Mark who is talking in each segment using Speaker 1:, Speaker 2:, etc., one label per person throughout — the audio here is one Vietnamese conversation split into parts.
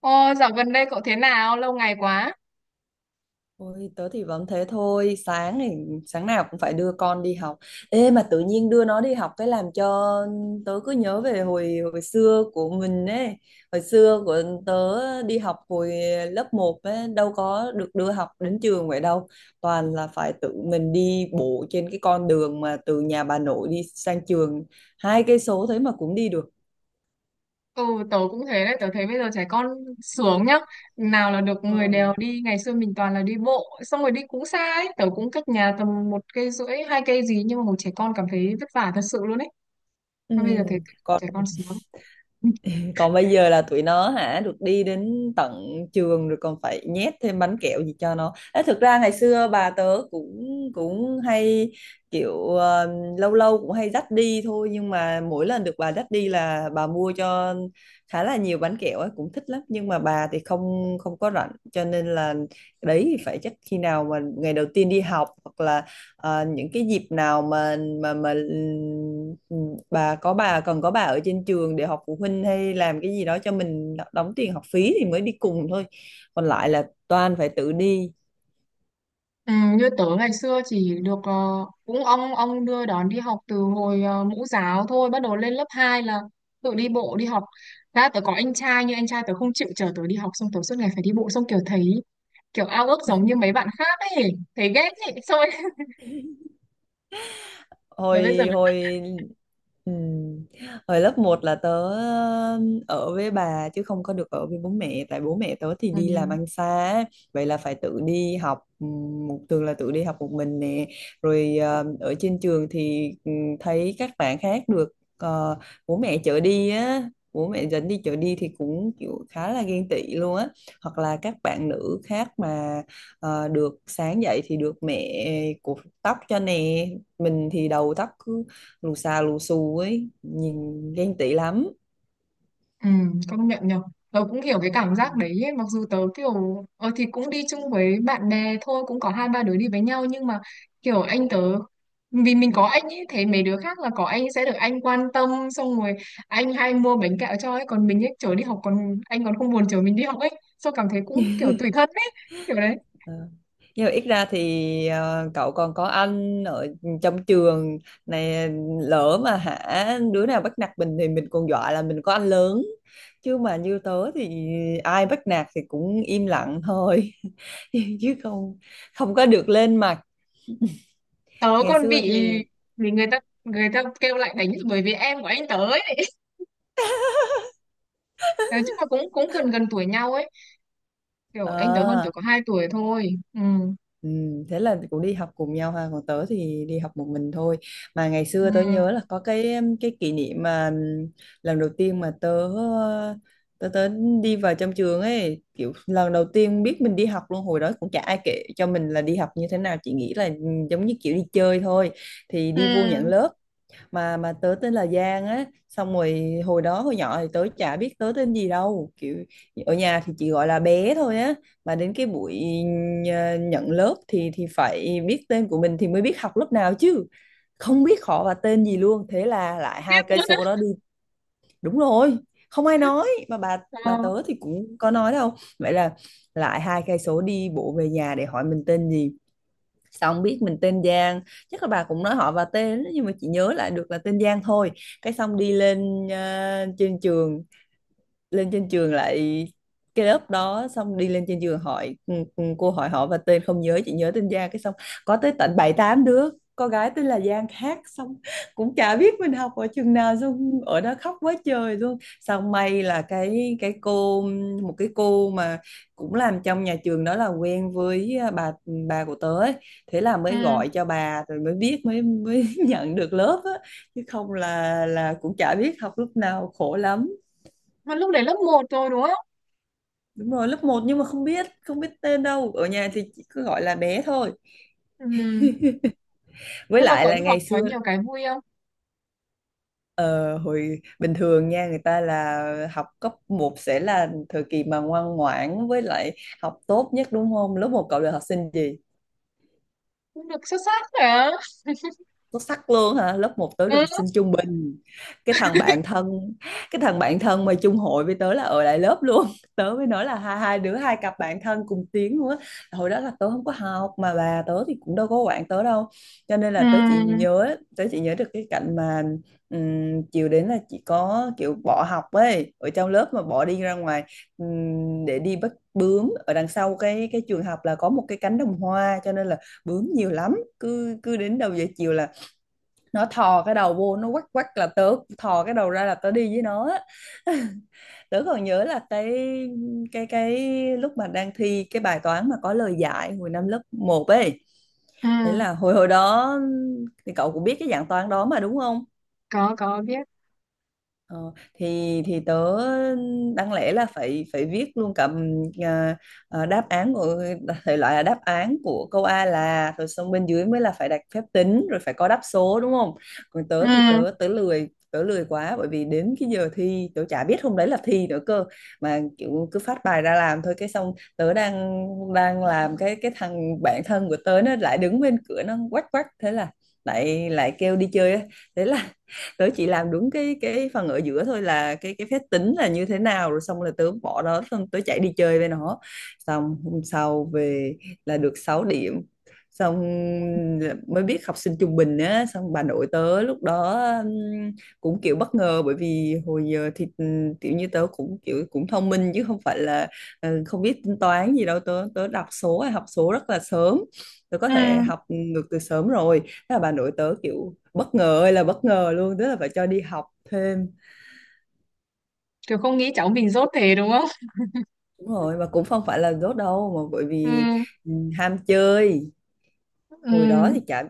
Speaker 1: Ô, dạo gần đây cậu thế nào? Lâu ngày quá.
Speaker 2: Ôi, tớ thì vẫn thế thôi, sáng nào cũng phải đưa con đi học. Ê, mà tự nhiên đưa nó đi học cái làm cho tớ cứ nhớ về hồi hồi xưa của mình ấy. Hồi xưa của tớ đi học hồi lớp một ấy, đâu có được đưa học đến trường vậy đâu. Toàn là phải tự mình đi bộ trên cái con đường mà từ nhà bà nội đi sang trường, 2 cây số thế mà cũng đi được.
Speaker 1: Ừ, tớ cũng thế đấy. Tớ thấy bây giờ trẻ con sướng nhá. Nào là được người đều
Speaker 2: Ừ.
Speaker 1: đi. Ngày xưa mình toàn là đi bộ. Xong rồi đi cũng xa ấy. Tớ cũng cách nhà tầm một cây rưỡi, hai cây gì. Nhưng mà một trẻ con cảm thấy vất vả thật sự luôn ấy.
Speaker 2: Ừ.
Speaker 1: Mà bây giờ thấy
Speaker 2: Còn
Speaker 1: trẻ con sướng.
Speaker 2: còn bây giờ là tụi nó hả, được đi đến tận trường rồi còn phải nhét thêm bánh kẹo gì cho nó. Ê, thực ra ngày xưa bà tớ cũng cũng hay kiểu, lâu lâu cũng hay dắt đi thôi, nhưng mà mỗi lần được bà dắt đi là bà mua cho khá là nhiều bánh kẹo ấy, cũng thích lắm. Nhưng mà bà thì không không có rảnh, cho nên là đấy, thì phải chắc khi nào mà ngày đầu tiên đi học, hoặc là những cái dịp nào mà mà mà ừ, bà có, bà cần có bà ở trên trường để học phụ huynh hay làm cái gì đó cho mình đóng tiền học phí thì mới đi cùng thôi, còn lại là toàn phải tự đi.
Speaker 1: Ừ, như tớ ngày xưa chỉ được cũng ông đưa đón đi học từ hồi mẫu giáo thôi, bắt đầu lên lớp 2 là tự đi bộ đi học ra. Tớ có anh trai nhưng anh trai tớ không chịu chở tớ đi học, xong tớ suốt ngày phải đi bộ, xong kiểu thấy kiểu ao ước giống như mấy bạn khác ấy, thấy ghét ấy thôi rồi. Rồi bây giờ,
Speaker 2: Hồi hồi ừm, hồi lớp một là tớ ở với bà, chứ không có được ở với bố mẹ, tại bố mẹ tớ thì đi làm
Speaker 1: ừ,
Speaker 2: ăn xa á. Vậy là phải tự đi học, một thường là tự đi học một mình nè. Rồi ở trên trường thì thấy các bạn khác được ờ, bố mẹ chở đi á, bố mẹ dẫn đi chở đi thì cũng kiểu khá là ghen tị luôn á. Hoặc là các bạn nữ khác mà được sáng dậy thì được mẹ cột tóc cho nè, mình thì đầu tóc cứ lù xà lù xù ấy, nhìn ghen tị lắm.
Speaker 1: ừ, công nhận nhở, tớ cũng hiểu cái cảm giác đấy ấy. Mặc dù tớ kiểu ờ thì cũng đi chung với bạn bè thôi, cũng có hai ba đứa đi với nhau, nhưng mà kiểu anh tớ, vì mình có anh ấy, thấy mấy đứa khác là có anh sẽ được anh quan tâm, xong rồi anh hay mua bánh kẹo cho ấy, còn mình ấy chở đi học còn anh còn không buồn chở mình đi học ấy, xong cảm thấy cũng kiểu tủi thân ấy, kiểu đấy.
Speaker 2: Ờ. Nhưng mà ít ra thì cậu còn có anh ở trong trường này, lỡ mà hả đứa nào bắt nạt mình thì mình còn dọa là mình có anh lớn, chứ mà như tớ thì ai bắt nạt thì cũng im lặng thôi chứ không không có được lên mặt.
Speaker 1: Tớ
Speaker 2: Ngày
Speaker 1: còn
Speaker 2: xưa
Speaker 1: bị
Speaker 2: thì,
Speaker 1: bị người ta người ta kêu lại đánh bởi vì em của anh tớ ấy. Đấy, tức là cũng cũng gần gần tuổi nhau ấy, kiểu anh tớ hơn tớ
Speaker 2: ờ,
Speaker 1: có hai tuổi thôi. Ừ,
Speaker 2: ừ, thế là cũng đi học cùng nhau ha, còn tớ thì đi học một mình thôi. Mà ngày
Speaker 1: ừ,
Speaker 2: xưa tớ nhớ là có cái kỷ niệm mà, lần đầu tiên mà tớ ờ, tớ tớ đi vào trong trường ấy, kiểu lần đầu tiên biết mình đi học luôn. Hồi đó cũng chả ai kể cho mình là đi học như thế nào, chỉ nghĩ là giống như kiểu đi chơi thôi. Thì đi vô nhận
Speaker 1: ừ,
Speaker 2: lớp, mà tớ tên là Giang á. Xong rồi hồi đó hồi nhỏ thì tớ chả biết tớ tên gì đâu, kiểu ở nhà thì chỉ gọi là bé thôi á. Mà đến cái buổi nhận lớp thì phải biết tên của mình thì mới biết học lớp nào, chứ không biết họ và tên gì luôn, thế là lại hai
Speaker 1: biết
Speaker 2: cây
Speaker 1: luôn
Speaker 2: số
Speaker 1: á.
Speaker 2: đó đi. Đúng rồi, không ai nói mà bà
Speaker 1: Ờ,
Speaker 2: bà tớ thì cũng có nói đâu, vậy là lại 2 cây số đi bộ về nhà để hỏi mình tên gì. Xong biết mình tên Giang. Chắc là bà cũng nói họ và tên nhưng mà chị nhớ lại được là tên Giang thôi. Cái xong đi lên, trên trường, lên trên trường lại cái lớp đó, xong đi lên trên trường hỏi, cô hỏi họ và tên không nhớ, chỉ nhớ tên Giang. Cái xong có tới tận bảy tám đứa con gái tên là Giang khác, xong cũng chả biết mình học ở trường nào, xong ở đó khóc quá trời luôn. Xong may là cái cô, một cái cô mà cũng làm trong nhà trường đó là quen với, à, bà của tớ ấy. Thế là mới
Speaker 1: ừ,
Speaker 2: gọi cho bà rồi mới biết, mới mới nhận được lớp á. Chứ không là cũng chả biết học lúc nào, khổ lắm.
Speaker 1: mà lúc đấy lớp một rồi đúng không?
Speaker 2: Đúng rồi, lớp một nhưng mà không biết tên đâu. Ở nhà thì chỉ cứ gọi là bé thôi.
Speaker 1: Ừ,
Speaker 2: Với
Speaker 1: nhưng mà
Speaker 2: lại
Speaker 1: cậu
Speaker 2: là
Speaker 1: đi học
Speaker 2: ngày
Speaker 1: có
Speaker 2: xưa,
Speaker 1: nhiều cái vui không?
Speaker 2: ờ, hồi bình thường nha, người ta là học cấp một sẽ là thời kỳ mà ngoan ngoãn với lại học tốt nhất đúng không? Lớp một cậu là học sinh gì?
Speaker 1: Cũng được xuất sắc hả?
Speaker 2: Xuất sắc luôn hả? Lớp một tớ được
Speaker 1: Ừ,
Speaker 2: học sinh trung bình. cái thằng bạn thân cái thằng bạn thân mà chung hội với tớ là ở lại lớp luôn tớ mới nói là hai hai đứa, hai cặp bạn thân cùng tiếng luôn á. Hồi đó là tớ không có học mà bà tớ thì cũng đâu có quản tớ đâu, cho nên là
Speaker 1: ừ,
Speaker 2: tớ chỉ nhớ được cái cảnh mà, chiều đến là chỉ có kiểu bỏ học ấy, ở trong lớp mà bỏ đi ra ngoài, để đi bắt bướm ở đằng sau cái trường học là có một cái cánh đồng hoa, cho nên là bướm nhiều lắm. Cứ cứ đến đầu giờ chiều là nó thò cái đầu vô, nó quắc quắc là tớ thò cái đầu ra là tớ đi với nó á. Tớ còn nhớ là cái lúc mà đang thi cái bài toán mà có lời giải hồi năm lớp một ấy.
Speaker 1: ừ,
Speaker 2: Thế là hồi hồi đó thì cậu cũng biết cái dạng toán đó mà đúng không?
Speaker 1: có biết.
Speaker 2: Ờ, thì tớ đáng lẽ là phải phải viết luôn cả, đáp án của, thể loại là đáp án của câu A là, rồi xong bên dưới mới là phải đặt phép tính rồi phải có đáp số đúng không? Còn tớ thì
Speaker 1: Ừ,
Speaker 2: tớ tớ lười quá, bởi vì đến cái giờ thi tớ chả biết hôm đấy là thi nữa cơ, mà kiểu cứ phát bài ra làm thôi. Cái xong tớ đang đang làm, cái thằng bạn thân của tớ nó lại đứng bên cửa nó quách quách thế là lại lại kêu đi chơi á. Thế là tớ chỉ làm đúng cái phần ở giữa thôi, là cái phép tính là như thế nào, rồi xong là tớ bỏ đó, xong tớ chạy đi chơi với nó. Xong hôm sau về là được 6 điểm. Xong mới biết học sinh trung bình á. Xong bà nội tớ lúc đó cũng kiểu bất ngờ, bởi vì hồi giờ thì kiểu như tớ cũng kiểu cũng thông minh, chứ không phải là không biết tính toán gì đâu. Tớ tớ đọc số hay học số rất là sớm, tớ có
Speaker 1: ừ,
Speaker 2: thể học ngược từ sớm rồi. Thế là bà nội tớ kiểu bất ngờ ơi là bất ngờ luôn, tức là phải cho đi học thêm.
Speaker 1: kiểu không nghĩ cháu mình dốt thế đúng không?
Speaker 2: Đúng rồi, mà cũng không phải là dốt đâu mà, bởi
Speaker 1: Ừ,
Speaker 2: vì, ừ, ham chơi. Hồi
Speaker 1: ừ,
Speaker 2: đó thì chả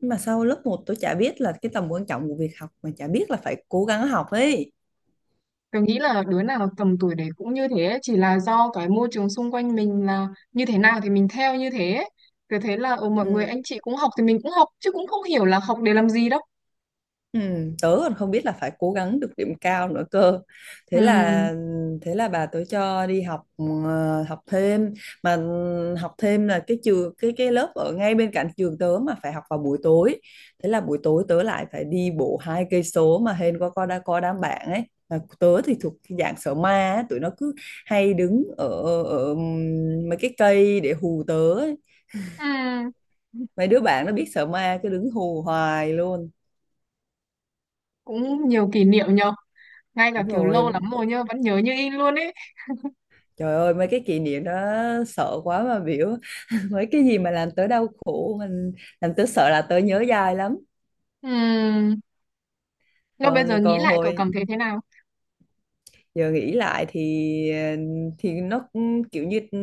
Speaker 2: Mà sau lớp một tôi chả biết là cái tầm quan trọng của việc học, mà chả biết là phải cố gắng học ấy.
Speaker 1: tôi nghĩ là đứa nào tầm tuổi đấy cũng như thế ấy, chỉ là do cái môi trường xung quanh mình là như thế nào thì mình theo như thế ấy. Tớ thấy là ừ, mọi người
Speaker 2: Ừ.
Speaker 1: anh chị cũng học thì mình cũng học chứ cũng không hiểu là học để làm gì đâu.
Speaker 2: Ừ, tớ còn không biết là phải cố gắng được điểm cao nữa cơ.
Speaker 1: Ừ.
Speaker 2: Thế là Thế là bà tớ cho đi học, học thêm. Mà ừ, học thêm là cái trường, cái lớp ở ngay bên cạnh trường tớ mà phải học vào buổi tối. Thế là buổi tối tớ lại phải đi bộ 2 cây số, mà hên có đã có đám bạn ấy. Mà tớ thì thuộc cái dạng sợ ma á, tụi nó cứ hay đứng ở ở mấy cái cây để hù tớ ấy.
Speaker 1: Ừ.
Speaker 2: Mấy đứa bạn nó biết sợ ma cứ đứng hù hoài luôn.
Speaker 1: Cũng nhiều kỷ niệm nhờ. Ngay cả
Speaker 2: Đúng
Speaker 1: kiểu lâu
Speaker 2: rồi.
Speaker 1: lắm rồi nhá, vẫn nhớ như in luôn ấy.
Speaker 2: Trời ơi, mấy cái kỷ niệm đó sợ quá mà biểu mấy cái gì mà làm tớ đau khổ, mình làm tớ sợ là tớ nhớ dai lắm.
Speaker 1: Ừ. Nhưng bây giờ
Speaker 2: còn
Speaker 1: nghĩ
Speaker 2: còn
Speaker 1: lại cậu
Speaker 2: hồi
Speaker 1: cảm thấy thế nào?
Speaker 2: giờ nghĩ lại thì thì nó cũng kiểu như,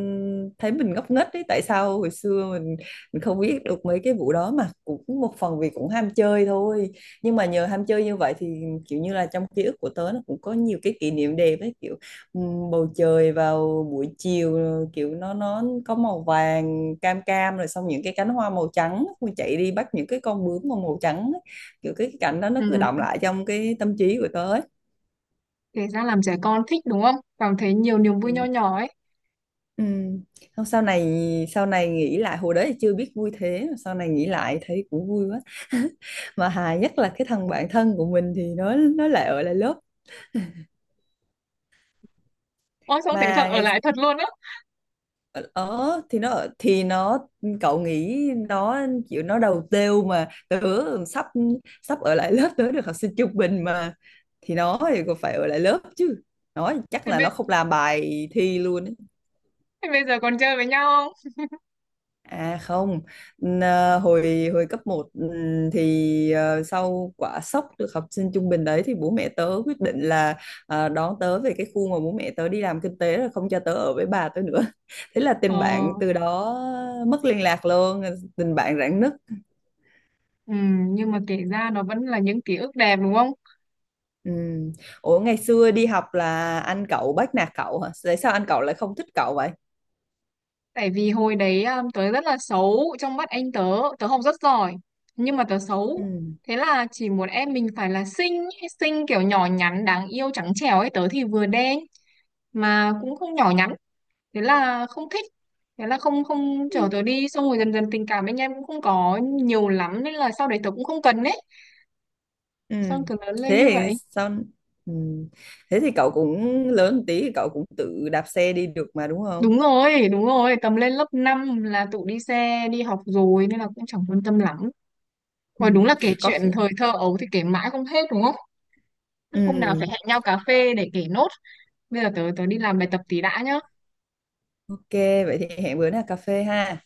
Speaker 2: thấy mình ngốc nghếch đấy, tại sao hồi xưa mình không biết được mấy cái vụ đó mà, cũng một phần vì cũng ham chơi thôi. Nhưng mà nhờ ham chơi như vậy thì kiểu như là trong ký ức của tớ nó cũng có nhiều cái kỷ niệm đẹp ấy, kiểu, ừ, bầu trời vào buổi chiều, kiểu nó có màu vàng cam cam, rồi xong những cái cánh hoa màu trắng. Mình chạy đi bắt những cái con bướm mà màu trắng ấy. Kiểu cái cảnh đó nó cứ
Speaker 1: Ừ.
Speaker 2: đọng lại trong cái tâm trí của tớ ấy.
Speaker 1: Kể ra làm trẻ con thích đúng không? Cảm thấy nhiều niềm vui nho
Speaker 2: Ừ.
Speaker 1: nhỏ ấy.
Speaker 2: Ừ. Không, sau này nghĩ lại hồi đấy thì chưa biết vui, thế mà sau này nghĩ lại thấy cũng vui quá mà hài nhất là cái thằng bạn thân của mình thì nó lại ở lại lớp.
Speaker 1: Ôi xong thế thật
Speaker 2: Mà
Speaker 1: ở
Speaker 2: ngày
Speaker 1: lại thật luôn á.
Speaker 2: ở ở- thì nó cậu nghĩ, nó chịu, nó đầu têu mà tớ sắp sắp ở lại lớp, tớ được học sinh trung bình mà thì nó thì còn phải ở lại lớp chứ, nó chắc
Speaker 1: Thế
Speaker 2: là
Speaker 1: bây,
Speaker 2: nó không làm bài thi luôn.
Speaker 1: thế bây giờ còn chơi với nhau không?
Speaker 2: À không, hồi hồi cấp một, thì sau quả sốc được học sinh trung bình đấy thì bố mẹ tớ quyết định là đón tớ về cái khu mà bố mẹ tớ đi làm kinh tế, rồi không cho tớ ở với bà tớ nữa. Thế là
Speaker 1: Ờ.
Speaker 2: tình bạn từ đó mất liên lạc luôn, tình bạn rạn nứt.
Speaker 1: Ừ, nhưng mà kể ra nó vẫn là những ký ức đẹp đúng không?
Speaker 2: Ừ. Ủa ngày xưa đi học là anh cậu bắt nạt cậu hả? Tại sao anh cậu lại không thích cậu vậy?
Speaker 1: Tại vì hồi đấy tớ rất là xấu trong mắt anh tớ, tớ học rất giỏi nhưng mà tớ
Speaker 2: Ừ.
Speaker 1: xấu. Thế là chỉ muốn em mình phải là xinh, ý, xinh kiểu nhỏ nhắn đáng yêu trắng trẻo ấy, tớ thì vừa đen mà cũng không nhỏ nhắn, thế là không thích. Thế là không không chở tớ đi, xong rồi dần dần tình cảm anh em cũng không có nhiều lắm nên là sau đấy tớ cũng không cần ấy.
Speaker 2: Ừ.
Speaker 1: Xong tớ lớn lên
Speaker 2: Thế
Speaker 1: như
Speaker 2: thì
Speaker 1: vậy.
Speaker 2: sao? Ừ. Thế thì cậu cũng lớn một tí thì cậu cũng tự đạp xe đi được mà đúng không?
Speaker 1: Đúng rồi, tầm lên lớp 5 là tụi đi xe, đi học rồi nên là cũng chẳng quan tâm lắm.
Speaker 2: Ừ.
Speaker 1: Rồi đúng là kể
Speaker 2: Có khi-
Speaker 1: chuyện thời thơ ấu thì kể mãi không hết đúng không? Hôm nào phải
Speaker 2: ừ.
Speaker 1: hẹn nhau cà phê để kể nốt. Bây giờ tớ tớ đi làm bài tập tí đã nhá.
Speaker 2: Ok, vậy thì hẹn bữa nào cà phê ha.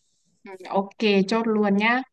Speaker 1: Ừ, Ok, chốt luôn nhá.